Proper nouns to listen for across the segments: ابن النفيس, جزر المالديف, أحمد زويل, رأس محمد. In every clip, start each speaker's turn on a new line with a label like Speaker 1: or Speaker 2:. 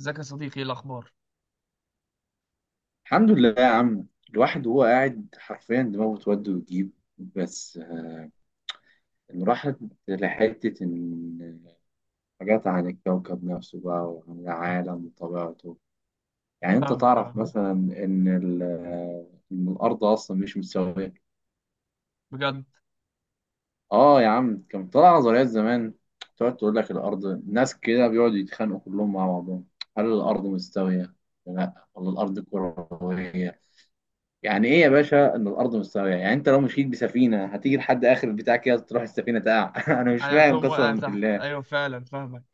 Speaker 1: ازيك يا صديقي؟ ايه الاخبار؟
Speaker 2: الحمد لله يا عم، الواحد وهو قاعد حرفيا دماغه تود وتجيب. بس إن راحت لحتة إن حاجات عن الكوكب نفسه بقى وعن العالم وطبيعته. يعني أنت
Speaker 1: فاهمك،
Speaker 2: تعرف
Speaker 1: اه.
Speaker 2: مثلا إن إن الأرض أصلا مش مستوية.
Speaker 1: بجد؟
Speaker 2: آه يا عم، كان طلع نظريات زمان تقعد تقول لك الأرض، ناس كده بيقعدوا يتخانقوا كلهم مع بعضهم. هل الأرض مستوية؟ ولا لا ولا الأرض كروية؟ يعني ايه يا باشا ان الارض مستويه؟ يعني انت لو مشيت بسفينه هتيجي لحد اخر البتاع كده تروح السفينه تقع انا مش
Speaker 1: ايوه
Speaker 2: فاهم
Speaker 1: توم واقع
Speaker 2: قسما
Speaker 1: تحت،
Speaker 2: بالله.
Speaker 1: ايوه فعلا فاهمك.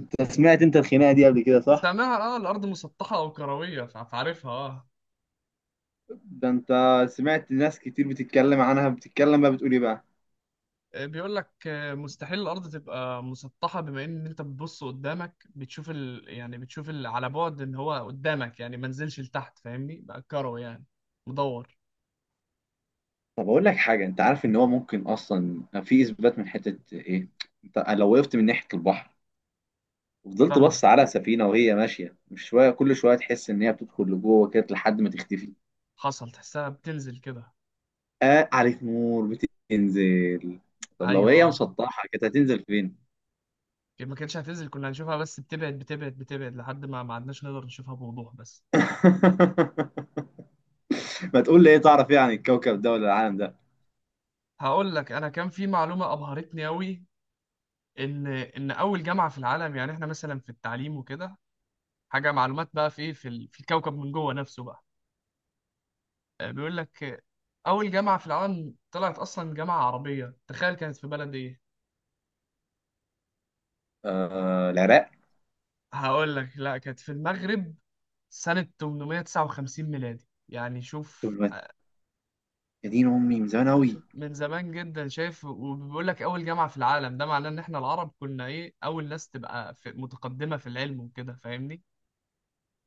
Speaker 2: انت سمعت الخناقه دي قبل كده، صح؟
Speaker 1: سامعها، اه، الارض مسطحه او كرويه، فعارفها، اه.
Speaker 2: ده انت سمعت ناس كتير بتتكلم عنها، بتتكلم بقى بتقول ايه بقى.
Speaker 1: بيقول لك، مستحيل الارض تبقى مسطحه، بما ان انت بتبص قدامك بتشوف يعني بتشوف على بعد ان هو قدامك، يعني ما نزلش لتحت، فاهمني؟ بقى كروي يعني، مدور.
Speaker 2: طب اقول لك حاجه، انت عارف ان هو ممكن اصلا في اثبات من حته ايه؟ انت لو وقفت من ناحيه البحر وفضلت
Speaker 1: فاهمك.
Speaker 2: بص على سفينه وهي ماشيه، مش شويه كل شويه تحس ان هي بتدخل لجوه كده لحد ما تختفي.
Speaker 1: حصل، تحسها بتنزل كده؟
Speaker 2: آه، عليك نور. بتنزل. طب لو
Speaker 1: ايوه
Speaker 2: هي
Speaker 1: اه،
Speaker 2: مسطحه كانت هتنزل فين؟
Speaker 1: ما كانتش هتنزل، كنا هنشوفها بس بتبعد بتبعد بتبعد لحد ما ما عدناش نقدر نشوفها بوضوح بس.
Speaker 2: ما تقول لي ايه تعرف ايه عن الكوكب ده ولا العالم ده.
Speaker 1: هقول لك، انا كان في معلومه ابهرتني قوي. ان اول جامعه في العالم، يعني احنا مثلا في التعليم وكده، حاجه معلومات بقى في إيه، في في الكوكب من جوه نفسه بقى. بيقول لك، اول جامعه في العالم طلعت اصلا جامعه عربيه، تخيل! كانت في بلد ايه؟
Speaker 2: آه، العراق.
Speaker 1: هقول لك، لا، كانت في المغرب. سنه 859 ميلادي، يعني
Speaker 2: طب
Speaker 1: شوف
Speaker 2: ما- يا دين امي، من زمان قوي.
Speaker 1: شوف، من زمان جدا، شايف؟ وبيقول لك اول جامعه في العالم، ده معناه ان احنا العرب كنا ايه، اول ناس تبقى في متقدمه في العلم وكده، فاهمني؟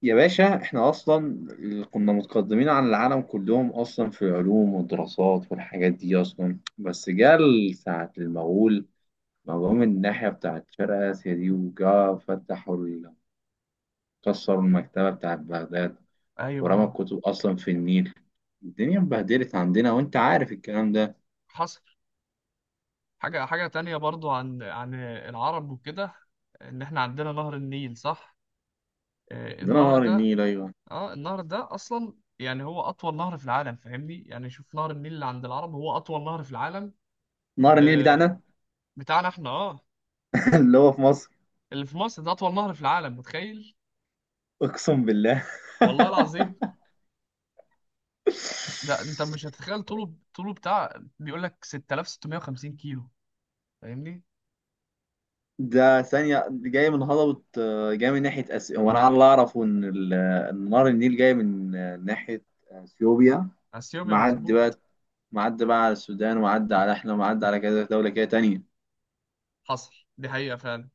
Speaker 2: يا باشا احنا اصلا كنا متقدمين عن العالم كلهم اصلا في العلوم والدراسات والحاجات دي اصلا، بس جه ساعة المغول، ما جم من الناحية بتاعت شرق آسيا دي وجا كسروا المكتبة بتاعت بغداد. ورمى
Speaker 1: ايوه.
Speaker 2: الكتب أصلا في النيل. الدنيا اتبهدلت عندنا وأنت عارف الكلام ده.
Speaker 1: حصل. حاجة، حاجة تانية برضو عن العرب وكده، إن إحنا عندنا نهر النيل، صح؟
Speaker 2: عندنا
Speaker 1: النهر
Speaker 2: نهر
Speaker 1: ده،
Speaker 2: النيل، أيوه.
Speaker 1: آه النهر ده أصلا يعني هو أطول نهر في العالم، فاهمني؟ يعني شوف، نهر النيل اللي عند العرب هو أطول نهر في العالم.
Speaker 2: نهر النيل
Speaker 1: آه،
Speaker 2: بتاعنا.
Speaker 1: بتاعنا إحنا، آه.
Speaker 2: اللي هو في مصر.
Speaker 1: اللي في مصر ده أطول نهر في العالم، متخيل؟
Speaker 2: اقسم بالله
Speaker 1: والله العظيم. ده أنت مش هتتخيل طوله، طوله بتاع، بيقول لك 6650 كيلو، فاهمني؟
Speaker 2: ده ثانية جاي من هضبة، جاي من ناحية هو أنا على اللي أعرفه إن إن نهر النيل جاي من ناحية أثيوبيا.
Speaker 1: أثيوبيا،
Speaker 2: معدي
Speaker 1: مظبوط.
Speaker 2: بقى، معدي بقى على السودان ومعدي على إحنا ومعدي على كذا دولة كده تانية.
Speaker 1: حصل، دي حقيقة فعلا.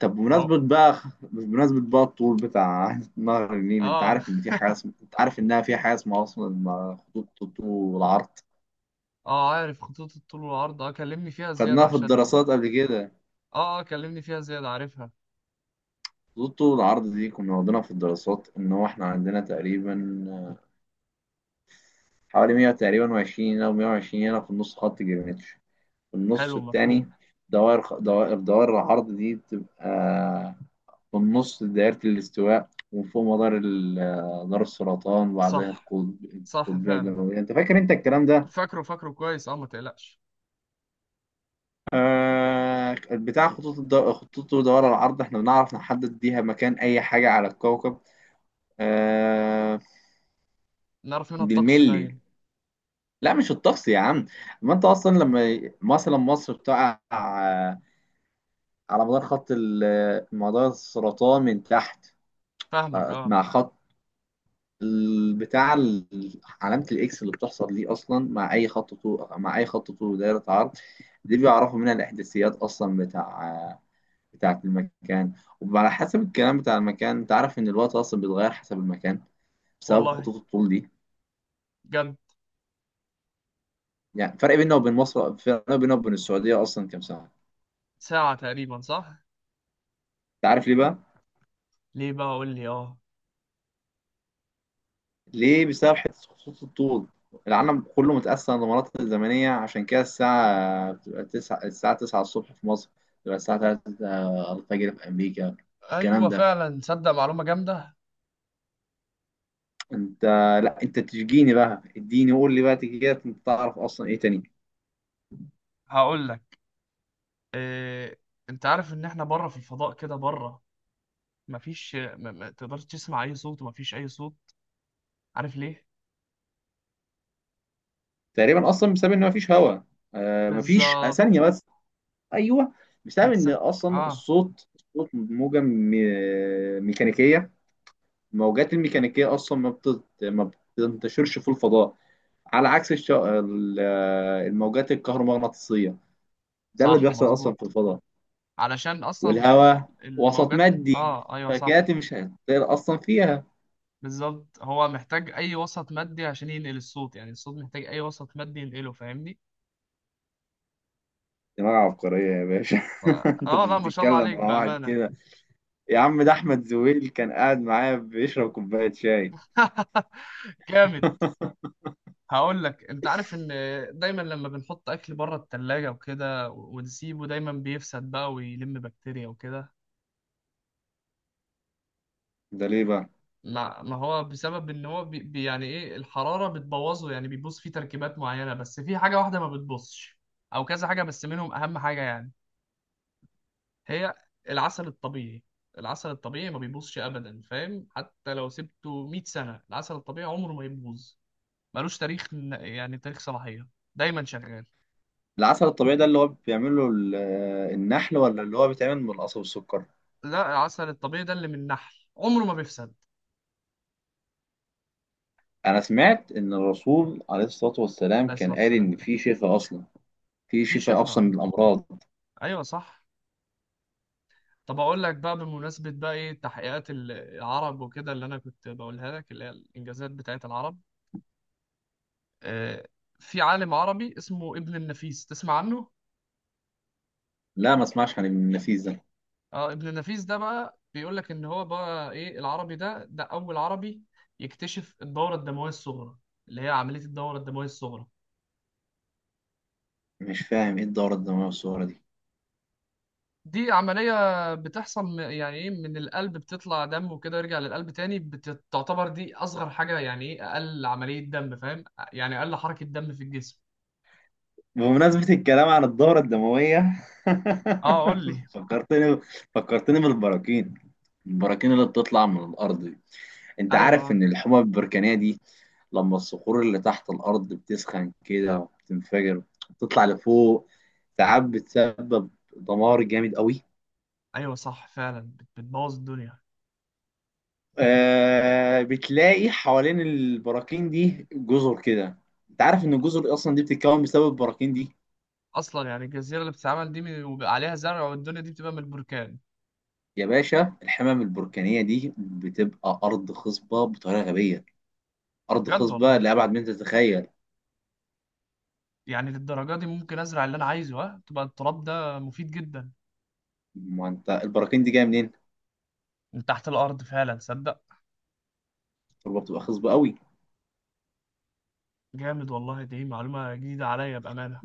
Speaker 2: طب بمناسبة
Speaker 1: أهو،
Speaker 2: بقى، بمناسبة بقى الطول بتاع نهر النيل، أنت
Speaker 1: آه
Speaker 2: عارف إن في حاجة أنت عارف إنها في حاجة اسمها أصلا خطوط الطول والعرض؟
Speaker 1: اه عارف خطوط الطول والعرض، اه، كلمني فيها زيادة
Speaker 2: خدناها في
Speaker 1: عشان.
Speaker 2: الدراسات قبل كده.
Speaker 1: اه اه كلمني فيها زيادة، عارفها.
Speaker 2: خطوط طول العرض دي كنا واخدينها في الدراسات، ان هو احنا عندنا تقريبا حوالي 100 تقريبا و20 هنا و120 هنا في النص خط جرينتش، في النص
Speaker 1: حلو،
Speaker 2: التاني.
Speaker 1: مفهوم.
Speaker 2: دوائر خ- دوائر دوائر العرض دي بتبقى في النص دائرة الاستواء، ومن فوق مدار دار السرطان، وبعدها
Speaker 1: صح، صح
Speaker 2: القطبية
Speaker 1: فعلا،
Speaker 2: الجنوبية. انت فاكر انت الكلام ده؟
Speaker 1: فاكره، فاكره كويس، اه، ما تقلقش.
Speaker 2: بتاع خطوط خطوط ودوائر العرض احنا بنعرف نحدد بيها مكان اي حاجة على الكوكب. آه،
Speaker 1: نعرف منها الطقس
Speaker 2: بالملي.
Speaker 1: باين.
Speaker 2: لا مش الطقس يا عم. ما انت اصلا لما مثلا مصر بتقع على مدار مدار السرطان من تحت.
Speaker 1: فاهمك، اه.
Speaker 2: مع خط علامة الاكس اللي بتحصل دي اصلا مع اي خط طول، مع اي خط طول دايرة عرض. دي بيعرفوا منها الاحداثيات اصلا بتاعة المكان. وعلى حسب الكلام بتاع المكان، انت عارف ان الوقت اصلا بيتغير حسب المكان بسبب
Speaker 1: والله؟
Speaker 2: خطوط الطول دي.
Speaker 1: جد؟
Speaker 2: يعني فرق بيننا وبين مصر، فرق بيننا وبين السعودية اصلا كام سنة.
Speaker 1: ساعة تقريبا، صح؟
Speaker 2: انت عارف ليه بقى؟
Speaker 1: ليه بقى؟ قول لي، اه.
Speaker 2: ليه؟ بسبب حته خطوط الطول. العالم كله متقسم لمناطق زمنيه، عشان كده الساعه بتبقى تسعة الساعه 9 الصبح في مصر، بتبقى الساعه 3 الفجر في امريكا.
Speaker 1: ايوه
Speaker 2: الكلام ده.
Speaker 1: فعلا، تصدق؟ معلومة جامدة.
Speaker 2: انت لا انت تشجيني بقى، اديني قول لي بقى كده، انت تعرف اصلا ايه تاني.
Speaker 1: هقول لك، إيه... انت عارف ان احنا بره في الفضاء كده؟ بره مفيش، ما تقدرش تسمع اي صوت، ومفيش اي صوت. عارف ليه؟
Speaker 2: تقريبا اصلا بسبب ان مفيش هواء. آه مفيش،
Speaker 1: بالظبط.
Speaker 2: ثانيه بس. ايوه. بسبب
Speaker 1: بتس
Speaker 2: ان اصلا
Speaker 1: اه،
Speaker 2: الصوت موجه ميكانيكيه. الموجات الميكانيكيه اصلا ما بتنتشرش في الفضاء، على عكس الموجات الكهرومغناطيسية. ده اللي
Speaker 1: صح
Speaker 2: بيحصل أصلا
Speaker 1: مظبوط،
Speaker 2: في الفضاء.
Speaker 1: علشان اصلا
Speaker 2: والهواء وسط
Speaker 1: الموجات.
Speaker 2: مادي،
Speaker 1: اه ايوه
Speaker 2: فكانت
Speaker 1: صح،
Speaker 2: مش هتطير أصلا فيها.
Speaker 1: بالظبط. هو محتاج اي وسط مادي عشان ينقل الصوت، يعني الصوت محتاج اي وسط مادي ينقله، فاهمني؟
Speaker 2: دماغ عبقرية يا باشا.
Speaker 1: ف...
Speaker 2: أنت
Speaker 1: اه
Speaker 2: مش
Speaker 1: لا، ما شاء الله
Speaker 2: بتتكلم مع
Speaker 1: عليك
Speaker 2: واحد
Speaker 1: بامانه.
Speaker 2: كده. يا عم ده أحمد زويل كان قاعد معايا بيشرب كوباية شاي.
Speaker 1: جامد. هقول لك، انت عارف ان دايما لما بنحط اكل بره التلاجة وكده ونسيبه دايما بيفسد بقى ويلم بكتيريا وكده؟
Speaker 2: ده ليه بقى؟
Speaker 1: ما هو بسبب ان هو يعني ايه، الحرارة بتبوظه، يعني بيبوظ فيه تركيبات معينة، بس في حاجة واحدة ما بتبوظش، او كذا حاجة بس منهم اهم حاجة، يعني هي العسل الطبيعي. العسل الطبيعي ما بيبوظش ابدا، فاهم؟ حتى لو سبته 100 سنه، العسل الطبيعي عمره ما يبوظ. ملوش تاريخ يعني تاريخ صلاحيه، دايما شغال.
Speaker 2: العسل الطبيعي ده اللي هو بيعمله النحل، ولا اللي هو بيتعمل من القصب والسكر؟
Speaker 1: لا، العسل الطبيعي ده اللي من النحل عمره ما بيفسد.
Speaker 2: أنا سمعت إن الرسول عليه الصلاة والسلام
Speaker 1: عليه الصلاه
Speaker 2: كان قال
Speaker 1: والسلام.
Speaker 2: إن في شفاء أصلا. في
Speaker 1: في
Speaker 2: شفاء أصلا
Speaker 1: شفاء،
Speaker 2: من الأمراض.
Speaker 1: ايوه صح. طب اقول لك بقى، بمناسبه بقى ايه تحقيقات العرب وكده اللي انا كنت بقولها لك، اللي هي الانجازات بتاعت العرب. آه، في عالم عربي اسمه ابن النفيس، تسمع عنه؟
Speaker 2: لا ما اسمعش عن ابن النفيس ده.
Speaker 1: اه، ابن النفيس ده بقى بيقول لك ان هو بقى ايه، العربي ده، اول عربي يكتشف الدوره الدمويه الصغرى، اللي هي عمليه الدوره الدمويه الصغرى.
Speaker 2: مش فاهم ايه الدورة الدموية والصورة دي.
Speaker 1: دي عمليه بتحصل يعني ايه، من القلب بتطلع دم وكده يرجع للقلب تاني، بتعتبر دي اصغر حاجه، يعني ايه، اقل عمليه دم، فاهم؟ يعني اقل حركه دم في الجسم.
Speaker 2: بمناسبة الكلام عن الدورة الدموية
Speaker 1: اه قول لي.
Speaker 2: فكرتني فكرتني بالبراكين. البراكين اللي بتطلع من الأرض دي، أنت
Speaker 1: ايوه
Speaker 2: عارف
Speaker 1: آه.
Speaker 2: إن الحمم البركانية دي لما الصخور اللي تحت الأرض بتسخن كده وبتنفجر بتطلع لفوق، ساعات بتسبب دمار جامد قوي.
Speaker 1: ايوه صح فعلا، بتبوظ الدنيا.
Speaker 2: آه، بتلاقي حوالين البراكين دي جزر كده. انت عارف ان الجزر اصلا دي بتتكون بسبب البراكين دي.
Speaker 1: اصلا يعني الجزيره اللي بتتعمل دي وبيبقى عليها زرع والدنيا دي بتبقى من البركان.
Speaker 2: يا باشا الحمم البركانية دي بتبقى أرض خصبة بطريقة غبية، أرض
Speaker 1: بجد
Speaker 2: خصبة
Speaker 1: والله؟
Speaker 2: لأبعد من تتخيل.
Speaker 1: يعني للدرجة دي؟ ممكن أزرع اللي أنا عايزه، ها تبقى التراب ده مفيد جدا.
Speaker 2: ما أنت البراكين دي جاية منين؟
Speaker 1: من تحت الأرض فعلا؟ صدق.
Speaker 2: التربة بتبقى خصبة قوي.
Speaker 1: جامد والله، دي معلومة جديدة عليا بأمانة.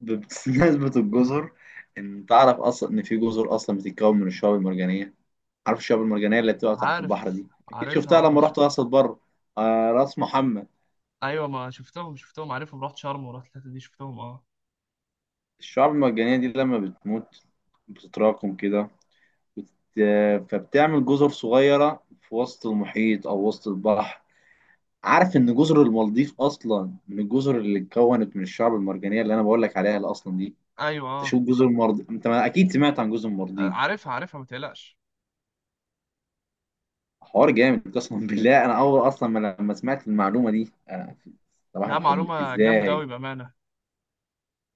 Speaker 2: نسبة الجزر. إن تعرف أصلا إن في جزر أصلا بتتكون من الشعاب المرجانية. عارف الشعاب المرجانية اللي بتبقى تحت البحر
Speaker 1: عارف،
Speaker 2: دي؟ أكيد
Speaker 1: عارفها
Speaker 2: شفتها
Speaker 1: يا
Speaker 2: لما
Speaker 1: باشا.
Speaker 2: رحت راس بره. آه، راس محمد.
Speaker 1: أيوة ما شفتهم، شفتهم، عارفهم، رحت شرم ورحت الحتة دي، شفتهم أه.
Speaker 2: الشعاب المرجانية دي لما بتموت بتتراكم كده، بت... فبتعمل جزر صغيرة في وسط المحيط أو وسط البحر. عارف ان جزر المالديف اصلا من الجزر اللي اتكونت من الشعب المرجانيه اللي انا بقول لك عليها اللي اصلا دي.
Speaker 1: أيوة أه.
Speaker 2: تشوف جزر المالديف، انت ما اكيد سمعت عن جزر المالديف.
Speaker 1: عارفها، عارفها، ما تقلقش.
Speaker 2: حوار جامد قسما بالله. انا اول اصلا ما لما سمعت المعلومه دي انا، صباح
Speaker 1: لا،
Speaker 2: الفل
Speaker 1: معلومة جامدة
Speaker 2: ازاي.
Speaker 1: أوي بأمانة.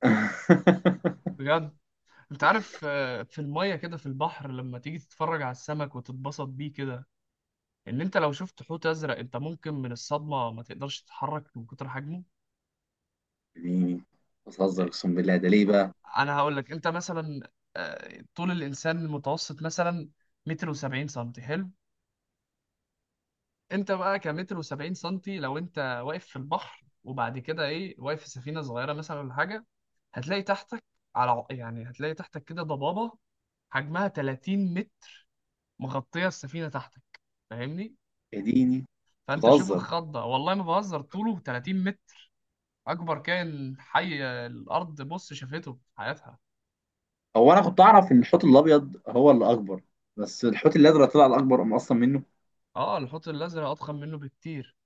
Speaker 1: بجد. أنت عارف في المية كده في البحر لما تيجي تتفرج على السمك وتتبسط بيه كده؟ إن أنت لو شفت حوت أزرق، أنت ممكن من الصدمة ما تقدرش تتحرك من كتر حجمه.
Speaker 2: اديني، بتهزر اقسم بالله، ده ليه بقى.
Speaker 1: انا هقول لك، انت مثلا، طول الانسان المتوسط مثلا متر وسبعين سنتي، حلو؟ انت بقى كمتر وسبعين سنتي، لو انت واقف في البحر وبعد كده ايه، واقف في سفينة صغيرة مثلا ولا حاجة، هتلاقي تحتك على يعني هتلاقي تحتك كده ضبابة حجمها 30 متر، مغطية السفينة تحتك، فاهمني؟
Speaker 2: اديني أنت
Speaker 1: فانت شوف
Speaker 2: بتهزر.
Speaker 1: الخضة ده، والله ما بهزر، طوله 30 متر، اكبر كائن حي الارض بص شافته في حياتها.
Speaker 2: هو انا كنت اعرف ان الحوت الابيض هو اللي اكبر، بس الحوت الازرق طلع الاكبر أم اصلا منه.
Speaker 1: اه، الحوت الازرق اضخم منه بكتير.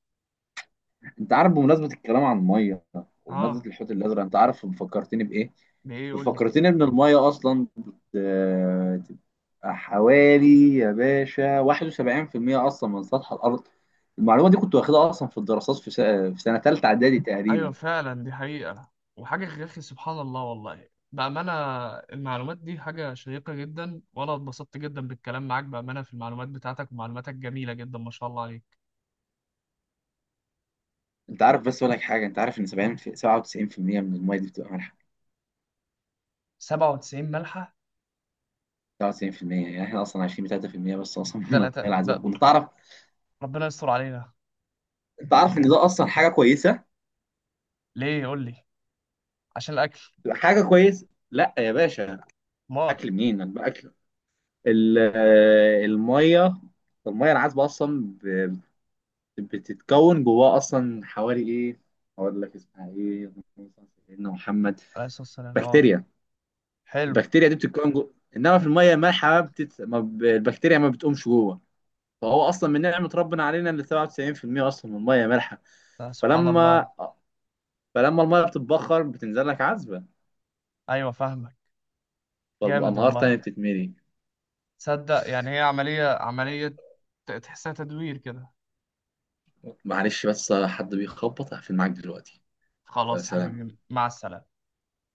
Speaker 2: انت عارف بمناسبه الكلام عن الميه وبمناسبه
Speaker 1: اه،
Speaker 2: الحوت الازرق، انت عارف فكرتني بايه؟
Speaker 1: ده ايه؟ يقول لي.
Speaker 2: فكرتني ان الميه اصلا بتبقى حوالي يا باشا 71% اصلا من سطح الارض. المعلومه دي كنت واخدها اصلا في الدراسات في سنة تالتة اعدادي
Speaker 1: ايوه
Speaker 2: تقريبا.
Speaker 1: فعلا، دي حقيقة، وحاجة يا اخي، سبحان الله والله بأمانة. المعلومات دي حاجة شيقة جدا، وانا اتبسطت جدا بالكلام معاك بأمانة، في المعلومات بتاعتك، ومعلوماتك جميلة جدا، ما شاء الله عليك.
Speaker 2: انت عارف بس اقول لك حاجه، انت عارف ان 97% من الميه دي بتبقى مالحه.
Speaker 1: 97% ملحة؟
Speaker 2: 97% يعني احنا اصلا عايشين ب 3% بس اصلا من الميه
Speaker 1: تلاتة
Speaker 2: العذبه،
Speaker 1: ده؟
Speaker 2: وانت تعرف.
Speaker 1: ربنا يستر علينا.
Speaker 2: انت عارف ان ده اصلا حاجه كويسه.
Speaker 1: ليه؟ يقول لي. عشان الاكل؟
Speaker 2: حاجه كويس. لا يا باشا.
Speaker 1: مال.
Speaker 2: اكل منين، اكل؟ ال- الميه، الميه العذبه اصلا بتتكون جواها اصلا حوالي ايه، اقول لك اسمها ايه، سيدنا محمد،
Speaker 1: عليه الصلاة والسلام، اه.
Speaker 2: بكتيريا.
Speaker 1: حلو.
Speaker 2: البكتيريا دي بتتكون جوه، انما في الميه المالحه بتت... ما ب... البكتيريا ما بتقومش جوه. فهو اصلا من نعمه ربنا علينا ان 97% اصلا من الميه مالحه.
Speaker 1: ده سبحان
Speaker 2: فلما
Speaker 1: الله.
Speaker 2: فلما الميه بتتبخر بتنزل لك عذبه،
Speaker 1: ايوه فاهمك. جامد
Speaker 2: فالانهار تاني
Speaker 1: والله.
Speaker 2: بتتملي.
Speaker 1: تصدق يعني هي عملية، عملية، تحسها تدوير كده.
Speaker 2: معلش بس حد بيخبط، هقفل معاك دلوقتي.
Speaker 1: خلاص يا
Speaker 2: فسلام.
Speaker 1: حبيبي، مع السلامة.